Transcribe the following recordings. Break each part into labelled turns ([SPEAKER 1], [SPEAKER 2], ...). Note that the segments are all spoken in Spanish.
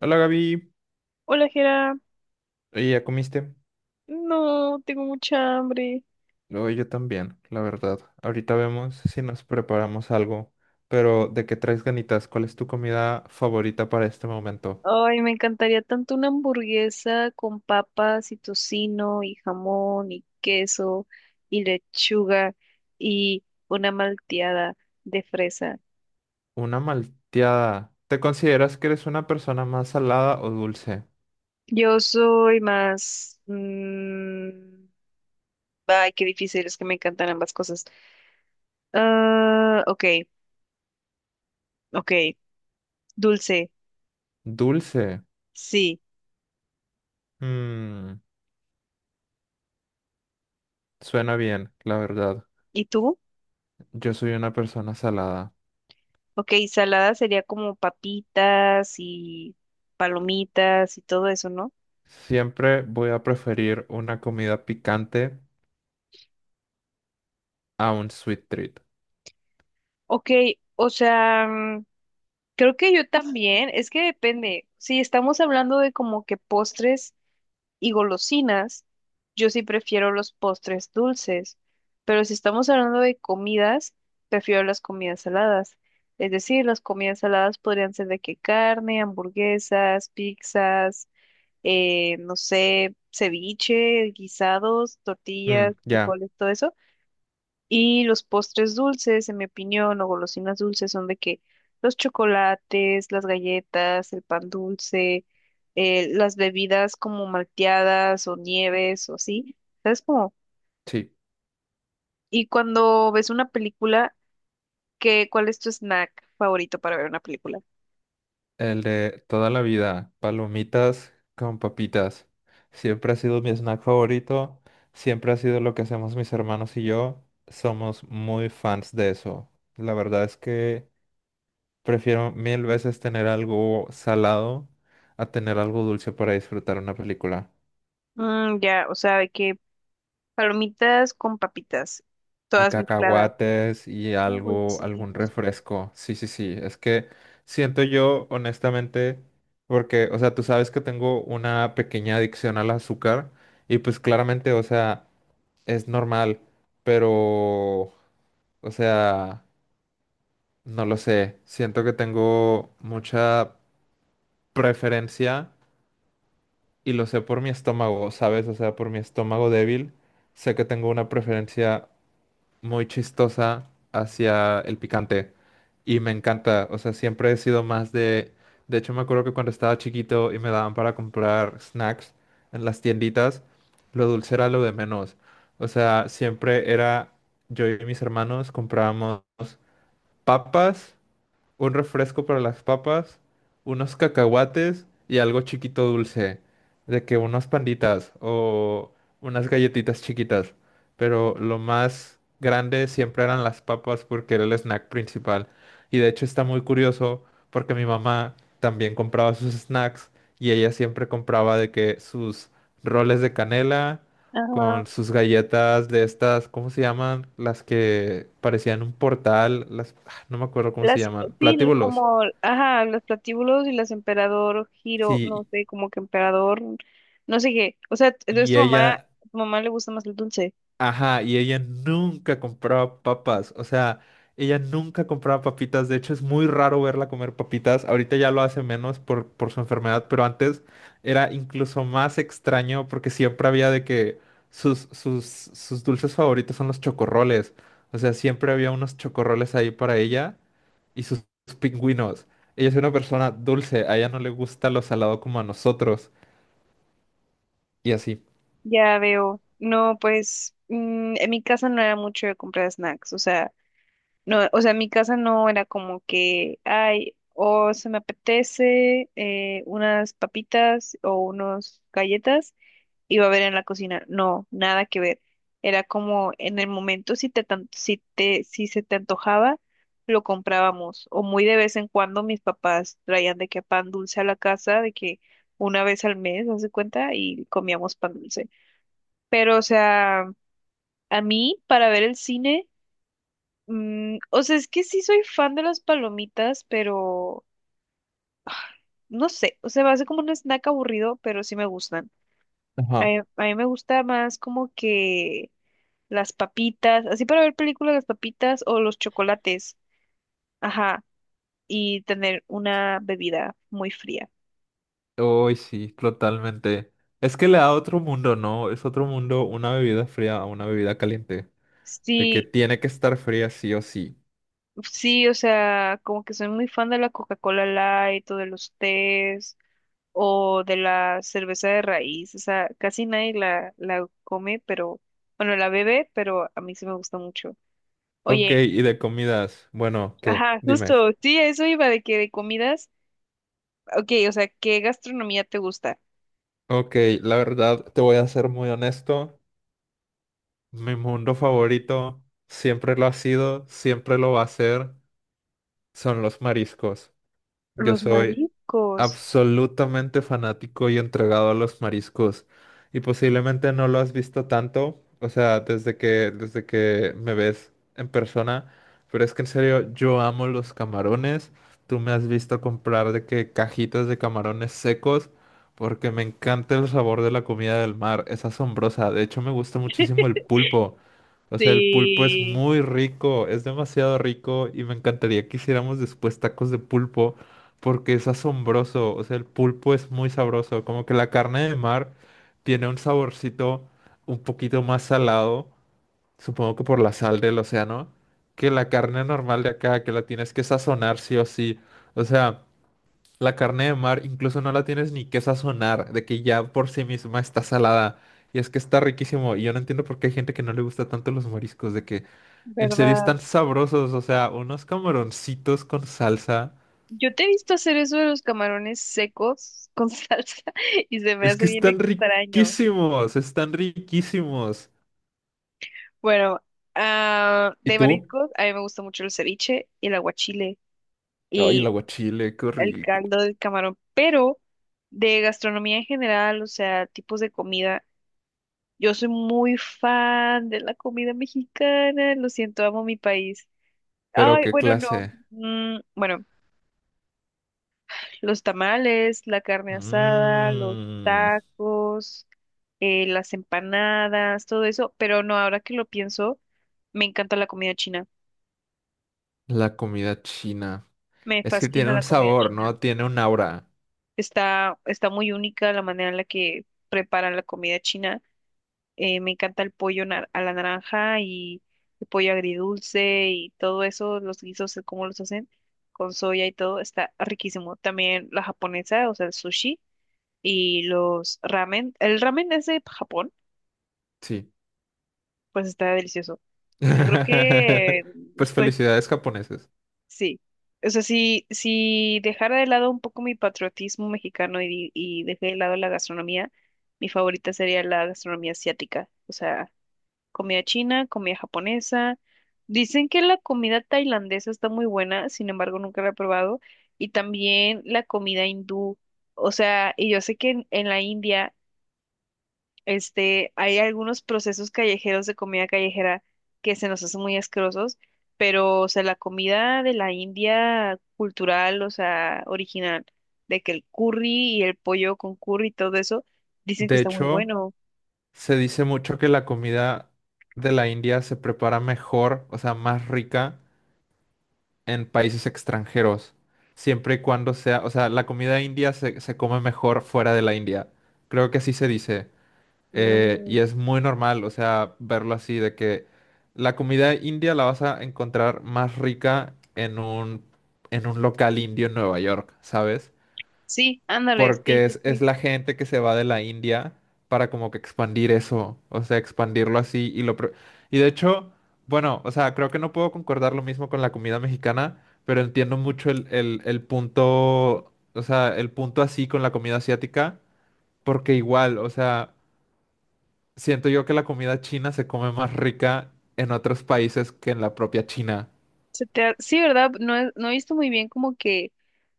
[SPEAKER 1] Hola Gaby,
[SPEAKER 2] Hola, Jera.
[SPEAKER 1] oye, ¿ya comiste?
[SPEAKER 2] No, tengo mucha hambre.
[SPEAKER 1] Oye, yo también, la verdad. Ahorita vemos si nos preparamos algo, pero ¿de qué traes ganitas? ¿Cuál es tu comida favorita para este momento?
[SPEAKER 2] Ay, me encantaría tanto una hamburguesa con papas y tocino y jamón y queso y lechuga y una malteada de fresa.
[SPEAKER 1] Una malteada. ¿Te consideras que eres una persona más salada o dulce?
[SPEAKER 2] Yo soy más... ay, qué difícil, es que me encantan ambas cosas. Ok, ok. Dulce,
[SPEAKER 1] Dulce.
[SPEAKER 2] sí.
[SPEAKER 1] Mm, suena bien, la verdad.
[SPEAKER 2] ¿Y tú?
[SPEAKER 1] Yo soy una persona salada.
[SPEAKER 2] Ok, salada sería como papitas y palomitas y todo eso, ¿no?
[SPEAKER 1] Siempre voy a preferir una comida picante a un sweet treat.
[SPEAKER 2] Ok, o sea, creo que yo también, es que depende. Si estamos hablando de como que postres y golosinas, yo sí prefiero los postres dulces, pero si estamos hablando de comidas, prefiero las comidas saladas. Es decir, las comidas saladas podrían ser de que carne, hamburguesas, pizzas, no sé, ceviche, guisados,
[SPEAKER 1] Mm,
[SPEAKER 2] tortillas,
[SPEAKER 1] ya,
[SPEAKER 2] frijoles, todo eso. Y los postres dulces, en mi opinión, o golosinas dulces, son de que los chocolates, las galletas, el pan dulce, las bebidas como malteadas o nieves o así, ¿sabes cómo?
[SPEAKER 1] sí.
[SPEAKER 2] Y cuando ves una película, ¿qué, cuál es tu snack favorito para ver una película?
[SPEAKER 1] El de toda la vida, palomitas con papitas. Siempre ha sido mi snack favorito, siempre ha sido lo que hacemos mis hermanos y yo. Somos muy fans de eso. La verdad es que prefiero mil veces tener algo salado a tener algo dulce para disfrutar una película.
[SPEAKER 2] Mm, ya, o sea, de que palomitas con papitas,
[SPEAKER 1] Y
[SPEAKER 2] todas mezcladas.
[SPEAKER 1] cacahuates y
[SPEAKER 2] Uy,
[SPEAKER 1] algo,
[SPEAKER 2] sí.
[SPEAKER 1] algún refresco. Sí, sí, sí. Es que siento yo, honestamente, porque, o sea, tú sabes que tengo una pequeña adicción al azúcar y pues claramente, o sea, es normal, pero, o sea, no lo sé. Siento que tengo mucha preferencia y lo sé por mi estómago, ¿sabes? O sea, por mi estómago débil, sé que tengo una preferencia muy chistosa hacia el picante y me encanta, o sea, siempre he sido más de hecho me acuerdo que cuando estaba chiquito y me daban para comprar snacks en las tienditas, lo dulce era lo de menos, o sea, siempre era yo y mis hermanos comprábamos papas, un refresco para las papas, unos cacahuates y algo chiquito dulce, de que unas panditas o unas galletitas chiquitas. Pero lo más grande siempre eran las papas porque era el snack principal. Y de hecho está muy curioso porque mi mamá también compraba sus snacks y ella siempre compraba de que sus roles de canela con sus galletas de estas, ¿cómo se llaman? Las que parecían un portal, las, no me acuerdo cómo se
[SPEAKER 2] Las,
[SPEAKER 1] llaman,
[SPEAKER 2] sí,
[SPEAKER 1] platíbulos.
[SPEAKER 2] como, ajá, los platíbulos y las emperador, giro, no
[SPEAKER 1] Sí,
[SPEAKER 2] sé, como que emperador, no sé qué. O sea, entonces
[SPEAKER 1] y ella,
[SPEAKER 2] tu mamá le gusta más el dulce.
[SPEAKER 1] ajá, y ella nunca compraba papas, o sea, ella nunca compraba papitas, de hecho es muy raro verla comer papitas, ahorita ya lo hace menos por su enfermedad, pero antes era incluso más extraño porque siempre había de que sus dulces favoritos son los chocorroles, o sea, siempre había unos chocorroles ahí para ella y sus pingüinos. Ella es una persona dulce, a ella no le gusta lo salado como a nosotros. Y así.
[SPEAKER 2] Ya veo. No, pues, en mi casa no era mucho de comprar snacks. O sea, no, o sea, en mi casa no era como que, ay, o se me apetece unas papitas o unos galletas. Iba a ver en la cocina. No, nada que ver. Era como en el momento si se te antojaba, lo comprábamos. O muy de vez en cuando mis papás traían de que pan dulce a la casa, de que una vez al mes, haz de cuenta, y comíamos pan dulce. Pero, o sea, a mí, para ver el cine, o sea, es que sí soy fan de las palomitas, pero no sé, o sea, va a ser como un snack aburrido, pero sí me gustan. A
[SPEAKER 1] Ajá.
[SPEAKER 2] a mí me gusta más como que las papitas, así para ver películas, las papitas o los chocolates, ajá, y tener una bebida muy fría.
[SPEAKER 1] Uy, sí, totalmente. Es que le da otro mundo, ¿no? Es otro mundo una bebida fría a una bebida caliente. De que
[SPEAKER 2] Sí,
[SPEAKER 1] tiene que estar fría sí o sí.
[SPEAKER 2] sí, o sea, como que soy muy fan de la Coca-Cola Light o de los tés o de la cerveza de raíz, o sea, casi nadie la come, pero, bueno, la bebe, pero a mí sí me gusta mucho.
[SPEAKER 1] Ok,
[SPEAKER 2] Oye,
[SPEAKER 1] y de comidas. Bueno, ¿qué?
[SPEAKER 2] ajá,
[SPEAKER 1] Dime.
[SPEAKER 2] justo, sí, a eso iba de que de comidas, ok, o sea, ¿qué gastronomía te gusta?
[SPEAKER 1] Ok, la verdad, te voy a ser muy honesto. Mi mundo favorito, siempre lo ha sido, siempre lo va a ser, son los mariscos. Yo
[SPEAKER 2] Los
[SPEAKER 1] soy
[SPEAKER 2] mariscos.
[SPEAKER 1] absolutamente fanático y entregado a los mariscos. Y posiblemente no lo has visto tanto, o sea, desde que me ves en persona. Pero es que en serio, yo amo los camarones. Tú me has visto comprar de que cajitas de camarones secos, porque me encanta el sabor de la comida del mar. Es asombrosa. De hecho, me gusta muchísimo el pulpo. O sea, el pulpo es
[SPEAKER 2] Sí,
[SPEAKER 1] muy rico, es demasiado rico y me encantaría que hiciéramos después tacos de pulpo porque es asombroso, o sea, el pulpo es muy sabroso, como que la carne de mar tiene un saborcito un poquito más salado, supongo que por la sal del océano, que la carne normal de acá, que la tienes que sazonar sí o sí, o sea, la carne de mar incluso no la tienes ni que sazonar, de que ya por sí misma está salada. Y es que está riquísimo. Y yo no entiendo por qué hay gente que no le gusta tanto los mariscos, de que en serio
[SPEAKER 2] ¿verdad?
[SPEAKER 1] están sabrosos. O sea, unos camaroncitos con salsa.
[SPEAKER 2] Yo te he visto hacer eso de los camarones secos con salsa y se me
[SPEAKER 1] Es
[SPEAKER 2] hace
[SPEAKER 1] que
[SPEAKER 2] bien
[SPEAKER 1] están
[SPEAKER 2] extraño.
[SPEAKER 1] riquísimos, están riquísimos.
[SPEAKER 2] Bueno, ah,
[SPEAKER 1] ¿Y
[SPEAKER 2] de
[SPEAKER 1] tú?
[SPEAKER 2] mariscos, a mí me gusta mucho el ceviche, el aguachile
[SPEAKER 1] Ay, el
[SPEAKER 2] y
[SPEAKER 1] aguachile, qué
[SPEAKER 2] el
[SPEAKER 1] rico.
[SPEAKER 2] caldo del camarón, pero de gastronomía en general, o sea, tipos de comida, yo soy muy fan de la comida mexicana, lo siento, amo mi país.
[SPEAKER 1] Pero
[SPEAKER 2] Ay,
[SPEAKER 1] qué
[SPEAKER 2] bueno, no.
[SPEAKER 1] clase.
[SPEAKER 2] Bueno. Los tamales, la carne asada, los
[SPEAKER 1] Mmm,
[SPEAKER 2] tacos, las empanadas, todo eso. Pero no, ahora que lo pienso, me encanta la comida china.
[SPEAKER 1] la comida china.
[SPEAKER 2] Me
[SPEAKER 1] Es que
[SPEAKER 2] fascina
[SPEAKER 1] tiene
[SPEAKER 2] la
[SPEAKER 1] un
[SPEAKER 2] comida
[SPEAKER 1] sabor,
[SPEAKER 2] china.
[SPEAKER 1] ¿no? Tiene un aura.
[SPEAKER 2] Está muy única la manera en la que preparan la comida china. Me encanta el a la naranja y el pollo agridulce y todo eso, los guisos, el cómo los hacen con soya y todo, está riquísimo. También la japonesa, o sea, el sushi. Y los ramen, el ramen es de Japón,
[SPEAKER 1] Sí.
[SPEAKER 2] pues está delicioso. Yo creo que,
[SPEAKER 1] Pues
[SPEAKER 2] pues
[SPEAKER 1] felicidades japoneses.
[SPEAKER 2] sí. O sea, si dejara de lado un poco mi patriotismo mexicano y, y dejé de lado la gastronomía, mi favorita sería la gastronomía asiática. O sea, comida china, comida japonesa. Dicen que la comida tailandesa está muy buena, sin embargo, nunca la he probado. Y también la comida hindú. O sea, y yo sé que en la India. Este, hay algunos procesos callejeros de comida callejera que se nos hacen muy asquerosos, pero, o sea, la comida de la India cultural, o sea, original, de que el curry y el pollo con curry y todo eso, dicen que
[SPEAKER 1] De
[SPEAKER 2] está muy
[SPEAKER 1] hecho,
[SPEAKER 2] bueno.
[SPEAKER 1] se dice mucho que la comida de la India se prepara mejor, o sea, más rica en países extranjeros, siempre y cuando sea, o sea, la comida india se come mejor fuera de la India. Creo que así se dice. Y
[SPEAKER 2] Mm,
[SPEAKER 1] es muy normal, o sea, verlo así, de que la comida india la vas a encontrar más rica en un, local indio en Nueva York, ¿sabes?
[SPEAKER 2] sí, ándale, sí,
[SPEAKER 1] Porque
[SPEAKER 2] sí,
[SPEAKER 1] es
[SPEAKER 2] sí.
[SPEAKER 1] la gente que se va de la India para como que expandir eso, o sea, expandirlo así y y de hecho, bueno, o sea, creo que no puedo concordar lo mismo con la comida mexicana, pero entiendo mucho el punto, o sea, el punto así con la comida asiática, porque igual, o sea, siento yo que la comida china se come más rica en otros países que en la propia China.
[SPEAKER 2] Se te ha- sí, ¿verdad? No, no he visto muy bien como que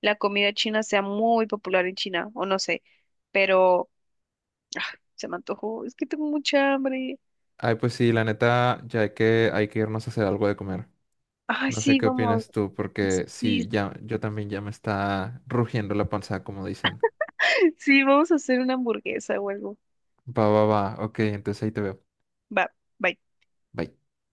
[SPEAKER 2] la comida china sea muy popular en China, o no sé, pero ah, se me antojó, es que tengo mucha hambre.
[SPEAKER 1] Ay, pues sí, la neta, ya hay que irnos a hacer algo de comer.
[SPEAKER 2] Ay,
[SPEAKER 1] No sé
[SPEAKER 2] sí,
[SPEAKER 1] qué
[SPEAKER 2] vamos.
[SPEAKER 1] opinas tú, porque
[SPEAKER 2] Sí,
[SPEAKER 1] sí, ya, yo también ya me está rugiendo la panza, como dicen.
[SPEAKER 2] sí, vamos a hacer una hamburguesa o algo.
[SPEAKER 1] Va, va, va, ok, entonces ahí te veo.
[SPEAKER 2] Va, bye.
[SPEAKER 1] Bye.